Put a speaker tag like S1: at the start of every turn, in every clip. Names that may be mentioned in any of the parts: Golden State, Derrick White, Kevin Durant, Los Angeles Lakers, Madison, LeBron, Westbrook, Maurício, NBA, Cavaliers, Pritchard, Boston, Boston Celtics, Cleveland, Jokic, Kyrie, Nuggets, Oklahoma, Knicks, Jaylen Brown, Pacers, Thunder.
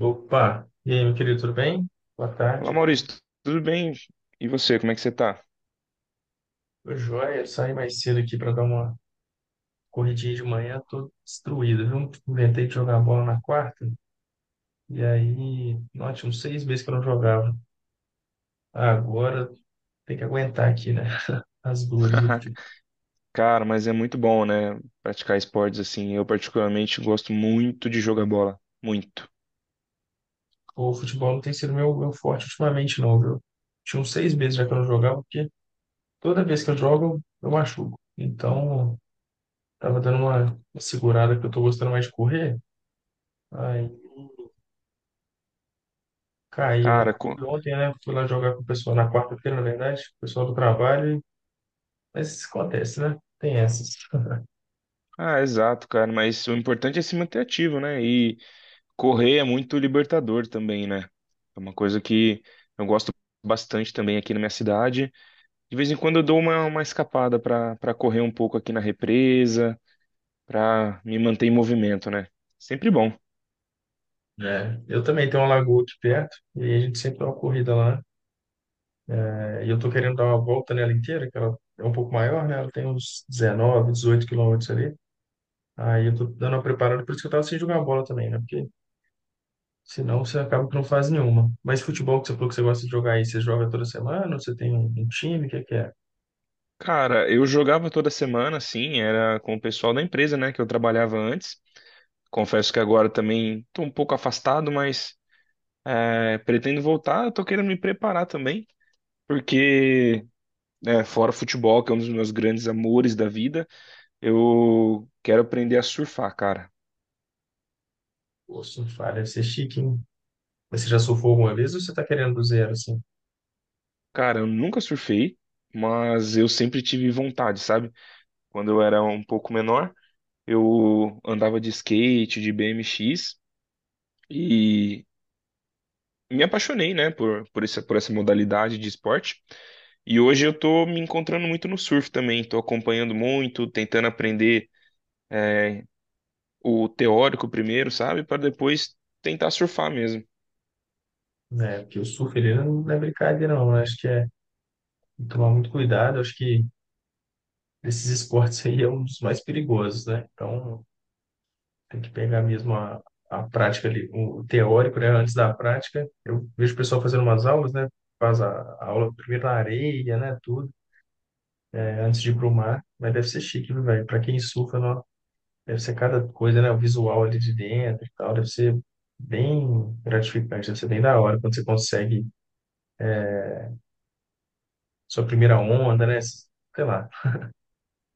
S1: Opa! E aí, meu querido, tudo bem? Boa
S2: Olá,
S1: tarde.
S2: Maurício, tudo bem? E você, como é que você tá?
S1: Ô, Joia, eu saí mais cedo aqui para dar uma corridinha de manhã, tô destruído, viu? Inventei de jogar bola na quarta, e aí, nossa, tinha uns seis meses que eu não jogava. Agora tem que aguentar aqui, né? As dores do futebol.
S2: Cara, mas é muito bom, né? Praticar esportes assim. Eu, particularmente, gosto muito de jogar bola. Muito.
S1: O futebol não tem sido meu forte ultimamente, não, viu? Tinha uns seis meses já que eu não jogava, porque toda vez que eu jogo, eu machuco. Então, tava uma segurada que eu tô gostando mais de correr. Aí.
S2: Cara,
S1: Caiu
S2: co-
S1: ontem, né? Fui lá jogar com o pessoal na quarta-feira, na verdade, o pessoal do trabalho, mas isso acontece, né? Tem essas.
S2: ah, exato, cara. Mas o importante é se manter ativo, né? E correr é muito libertador também, né? É uma coisa que eu gosto bastante também aqui na minha cidade. De vez em quando eu dou uma escapada pra para correr um pouco aqui na represa, pra me manter em movimento, né? Sempre bom.
S1: É, eu também tenho uma lagoa aqui perto, e a gente sempre dá uma corrida lá, né? É, e eu tô querendo dar uma volta nela inteira, que ela é um pouco maior, né? Ela tem uns 19, 18 quilômetros ali. Aí eu tô dando uma preparada, por isso que eu tava sem jogar bola também, né? Porque senão você acaba que não faz nenhuma. Mas futebol que você falou que você gosta de jogar aí, você joga toda semana? Ou você tem um time? O que é que é?
S2: Cara, eu jogava toda semana, assim, era com o pessoal da empresa, né, que eu trabalhava antes. Confesso que agora também tô um pouco afastado, mas pretendo voltar. Eu tô querendo me preparar também, porque fora o futebol, que é um dos meus grandes amores da vida, eu quero aprender a surfar, cara.
S1: Pô, se não falha, deve ser chique, hein? Mas você já surfou alguma vez ou você está querendo do zero, assim?
S2: Cara, eu nunca surfei, mas eu sempre tive vontade, sabe? Quando eu era um pouco menor, eu andava de skate, de BMX. Me apaixonei, né, por essa modalidade de esporte. E hoje eu tô me encontrando muito no surf também, tô acompanhando muito, tentando aprender o teórico primeiro, sabe, para depois tentar surfar mesmo.
S1: Né? Porque o surf, ele não é brincadeira, não, né? Acho que é tem que tomar muito cuidado. Acho que esses esportes aí é um dos mais perigosos, né? Então, tem que pegar mesmo a prática ali, o teórico, né? Antes da prática. Eu vejo o pessoal fazendo umas aulas, né? Faz a aula primeiro na areia, né? Tudo, né? Antes de ir pro mar. Mas deve ser chique, viu, velho? Para quem surfa, não, deve ser cada coisa, né? O visual ali de dentro e tal. Deve ser bem gratificante, deve ser bem da hora quando você consegue sua primeira onda, né? Sei lá.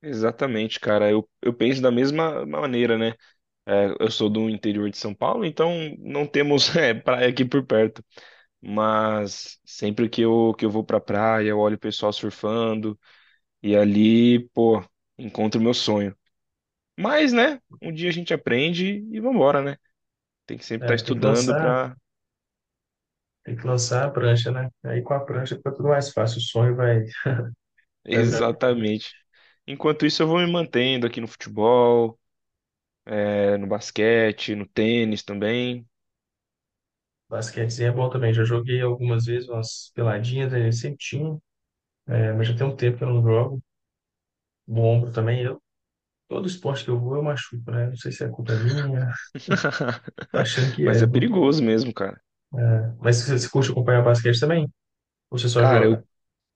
S2: Exatamente, cara. Eu penso da mesma maneira, né? É, eu sou do interior de São Paulo, então não temos é, praia aqui por perto. Mas sempre que eu vou pra praia, eu olho o pessoal surfando e ali, pô, encontro o meu sonho. Mas, né? Um dia a gente aprende e vambora, né? Tem que sempre estar
S1: É,
S2: estudando para.
S1: tem que lançar a prancha, né? Aí com a prancha fica tudo mais fácil. O sonho vai, vai virar.
S2: Exatamente. Enquanto isso, eu vou me mantendo aqui no futebol, no basquete, no tênis também.
S1: Basquetezinho é bom também. Já joguei algumas vezes umas peladinhas, aí sempre tinha, é, mas já tem um tempo que eu não jogo. Bom ombro também. Eu, todo esporte que eu vou, eu machuco, né? Não sei se a culpa é minha, tô achando que é,
S2: Mas é
S1: viu?
S2: perigoso mesmo, cara.
S1: Mas você curte acompanhar basquete também? Ou você só
S2: Cara,
S1: joga?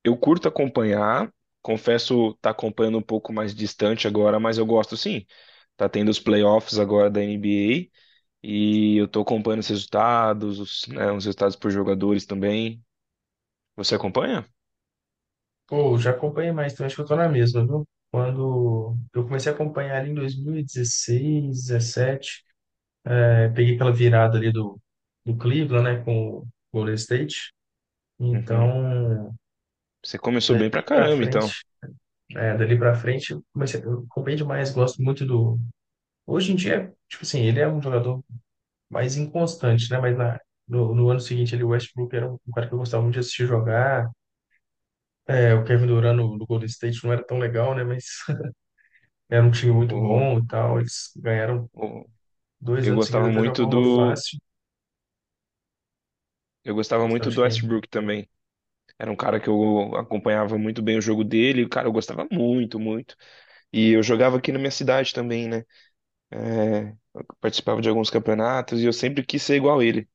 S2: eu curto acompanhar. Confesso, tá acompanhando um pouco mais distante agora, mas eu gosto sim. Tá tendo os playoffs agora da NBA e eu tô acompanhando os resultados, os, né, os resultados por jogadores também. Você acompanha?
S1: Pô, já acompanhei mais também, acho que eu tô na mesma, viu? Quando eu comecei a acompanhar ali em 2016, 17, eu peguei aquela virada ali do Cleveland, né, com o Golden State.
S2: Uhum.
S1: Então,
S2: Você começou bem pra
S1: dali pra
S2: caramba,
S1: frente,
S2: então.
S1: dali para frente, eu comecei, eu acompanhei demais, gosto muito do. Hoje em dia, tipo assim, ele é um jogador mais inconstante, né? Mas na, no, no ano seguinte, ele, o Westbrook era um cara que eu gostava muito de assistir jogar. É, o Kevin Durant no Golden State não era tão legal, né? Mas era um time muito
S2: O,
S1: bom e tal. Eles ganharam
S2: o-
S1: dois
S2: eu
S1: anos seguidos
S2: gostava
S1: até de uma
S2: muito
S1: forma fácil.
S2: eu gostava
S1: Gostava
S2: muito
S1: de
S2: do
S1: quem?
S2: Westbrook também. Era um cara que eu acompanhava muito bem o jogo dele. Cara, eu gostava muito, muito. E eu jogava aqui na minha cidade também, né? É, eu participava de alguns campeonatos e eu sempre quis ser igual ele.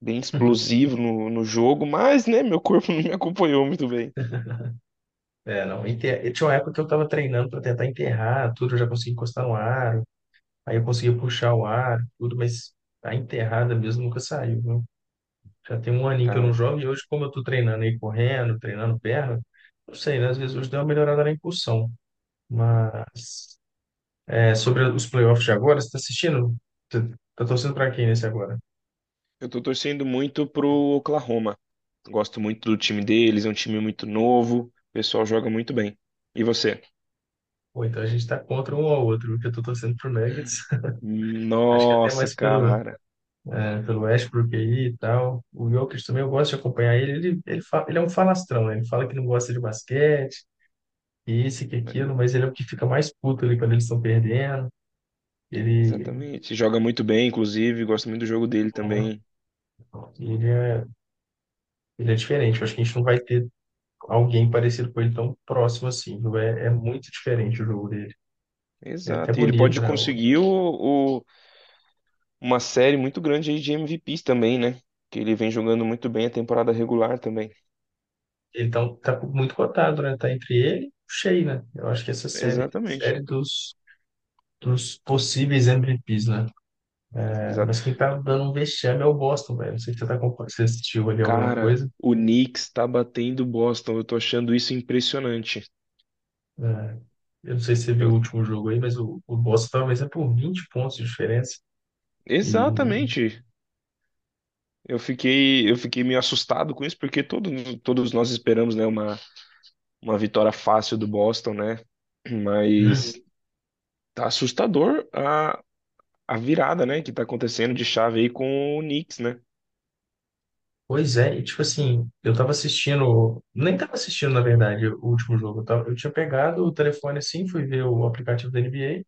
S2: Bem explosivo no jogo, mas, né, meu corpo não me acompanhou muito bem.
S1: É, não, tinha uma época que eu estava treinando para tentar enterrar tudo, eu já consegui encostar no aro, aí eu consegui puxar o aro, tudo, mas a enterrada mesmo nunca saiu, viu? Já tem um aninho que eu não
S2: Cara,
S1: jogo e hoje, como eu tô treinando aí correndo, treinando perna, não sei, né? Às vezes hoje deu uma melhorada na impulsão, mas é, sobre os playoffs de agora, você está assistindo? Tá tá torcendo para quem nesse agora?
S2: eu tô torcendo muito pro Oklahoma. Gosto muito do time deles, é um time muito novo. O pessoal joga muito bem. E você?
S1: Ou então a gente tá contra um ao outro, porque eu tô torcendo pro Nuggets, acho que até
S2: Nossa,
S1: mais pelo,
S2: cara.
S1: né, pelo Westbrook aí e tal. O Jokic também eu gosto de acompanhar ele. Ele é um falastrão, né? Ele fala que não gosta de basquete, que isso e que aquilo, mas ele é o que fica mais puto ali quando eles estão perdendo. Ele,
S2: Exatamente. Joga muito bem, inclusive. Gosto muito do jogo dele
S1: é,
S2: também.
S1: ele é, ele é diferente. Eu acho que a gente não vai ter alguém parecido com ele tão próximo assim, viu? É, é muito diferente o jogo dele. É até
S2: Exato. E ele pode
S1: bonito, né? O-
S2: conseguir uma série muito grande aí de MVPs também, né? Que ele vem jogando muito bem a temporada regular também.
S1: Ele tá, um, tá muito cotado, né? Tá entre ele e o Shea, né? Eu acho que essa
S2: Exatamente.
S1: série dos, dos possíveis MVPs, né?
S2: Exato.
S1: Mas quem tá dando um vexame é o Boston, velho. Não sei se você, tá, se você assistiu ali alguma
S2: Cara,
S1: coisa.
S2: o Knicks tá batendo Boston. Eu tô achando isso impressionante.
S1: É, eu não sei se você viu
S2: Eu-
S1: o último jogo aí, mas o Boston talvez é por 20 pontos de diferença. E,
S2: Exatamente. Eu fiquei meio assustado com isso, porque todos nós esperamos, né, uma vitória fácil do Boston, né? Mas
S1: uhum.
S2: tá assustador a virada, né, que tá acontecendo de chave aí com o Knicks, né?
S1: Pois é, e tipo assim, eu tava assistindo, nem tava assistindo, na verdade, o último jogo. Eu tinha pegado o telefone assim, fui ver o aplicativo da NBA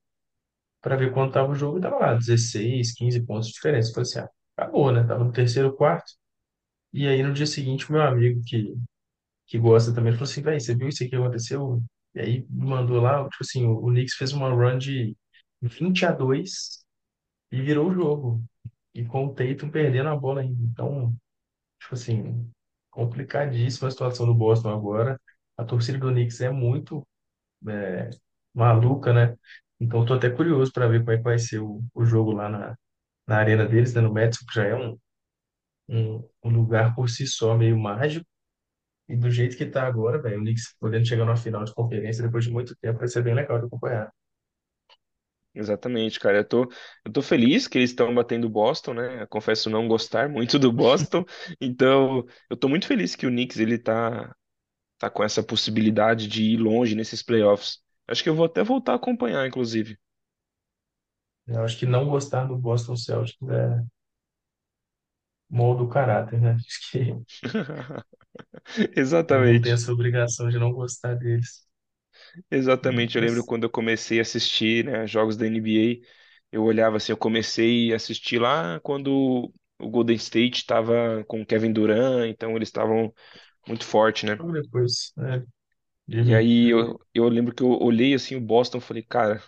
S1: para ver quanto tava o jogo e tava lá, 16, 15 pontos de diferença. Eu falei assim, ah, acabou, né? Tava no terceiro quarto. E aí no dia seguinte, meu amigo que gosta também, ele falou assim, velho, você viu isso aqui que aconteceu? E aí mandou lá, tipo assim, o Knicks fez uma run de 20 a 2 e virou o jogo. E com o Tatum perdendo a bola ainda. Então, tipo assim, complicadíssima a situação do Boston agora. A torcida do Knicks é muito, é, maluca, né? Então, tô até curioso para ver como é que vai ser o jogo lá na arena deles, né, no Madison, que já é um lugar por si só meio mágico. E do jeito que tá agora, velho, o Knicks podendo chegar numa final de conferência depois de muito tempo, vai ser bem legal de acompanhar.
S2: Exatamente, cara. Eu tô feliz que eles estão batendo o Boston, né? Eu confesso não gostar muito do Boston. Então, eu tô muito feliz que o Knicks tá com essa possibilidade de ir longe nesses playoffs. Acho que eu vou até voltar a acompanhar, inclusive.
S1: Eu acho que não gostar do Boston Celtics é molda o caráter, né? Acho que todo mundo tem
S2: Exatamente.
S1: essa obrigação de não gostar deles.
S2: Exatamente, eu lembro
S1: Mas
S2: quando eu comecei a assistir, né, jogos da NBA, eu olhava assim, eu comecei a assistir lá quando o Golden State estava com o Kevin Durant, então eles estavam muito forte, né?
S1: logo depois, né, de
S2: E
S1: mim.
S2: aí eu lembro que eu olhei assim o Boston, e falei, cara,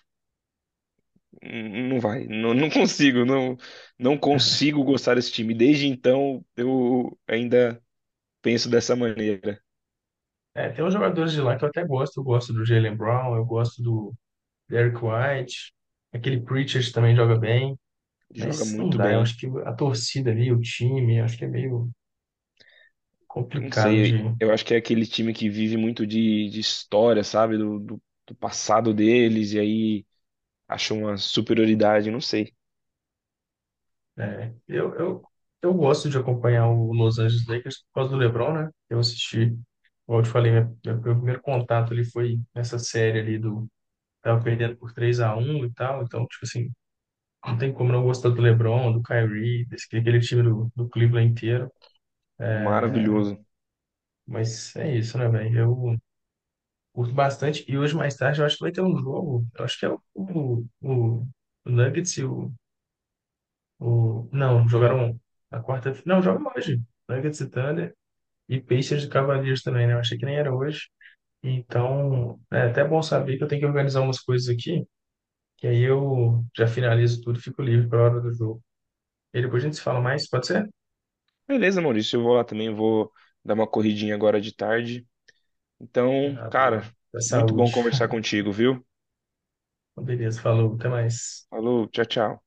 S2: não vai, não consigo, não consigo gostar desse time. Desde então eu ainda penso dessa maneira.
S1: É, tem uns jogadores de lá que eu até gosto. Eu gosto do Jaylen Brown, eu gosto do Derrick White. Aquele Pritchard também joga bem.
S2: Joga
S1: Mas não
S2: muito
S1: dá, eu
S2: bem.
S1: acho que a torcida ali, o time, eu acho que é meio
S2: Não
S1: complicado
S2: sei,
S1: de.
S2: eu acho que é aquele time que vive muito de história, sabe? Do passado deles, e aí acha uma superioridade, não sei.
S1: É, eu, eu, eu gosto de acompanhar o Los Angeles Lakers por causa do LeBron, né? Eu assisti, como eu te falei, meu primeiro contato ali foi nessa série ali do... Tava perdendo por 3-1 e tal, então, tipo assim, não tem como não gostar do LeBron, do Kyrie, desse, aquele time do Cleveland inteiro.
S2: Maravilhoso.
S1: Mas é isso, né, velho? Eu curto bastante. E hoje, mais tarde, eu acho que vai ter um jogo. Eu acho que é o Nuggets e o... Não, jogaram na quarta... Não, jogam hoje. Nuggets e Thunder. E Pacers e Cavaliers também, né? Eu achei que nem era hoje. Então, é até bom saber que eu tenho que organizar umas coisas aqui, que aí eu já finalizo tudo, e fico livre para hora do jogo. E depois a gente se fala mais, pode ser?
S2: Beleza, Maurício, eu vou dar uma corridinha agora de tarde. Então,
S1: Ah,
S2: cara,
S1: boa. Da
S2: muito bom
S1: saúde.
S2: conversar contigo, viu?
S1: Beleza, falou, até mais.
S2: Falou, tchau, tchau.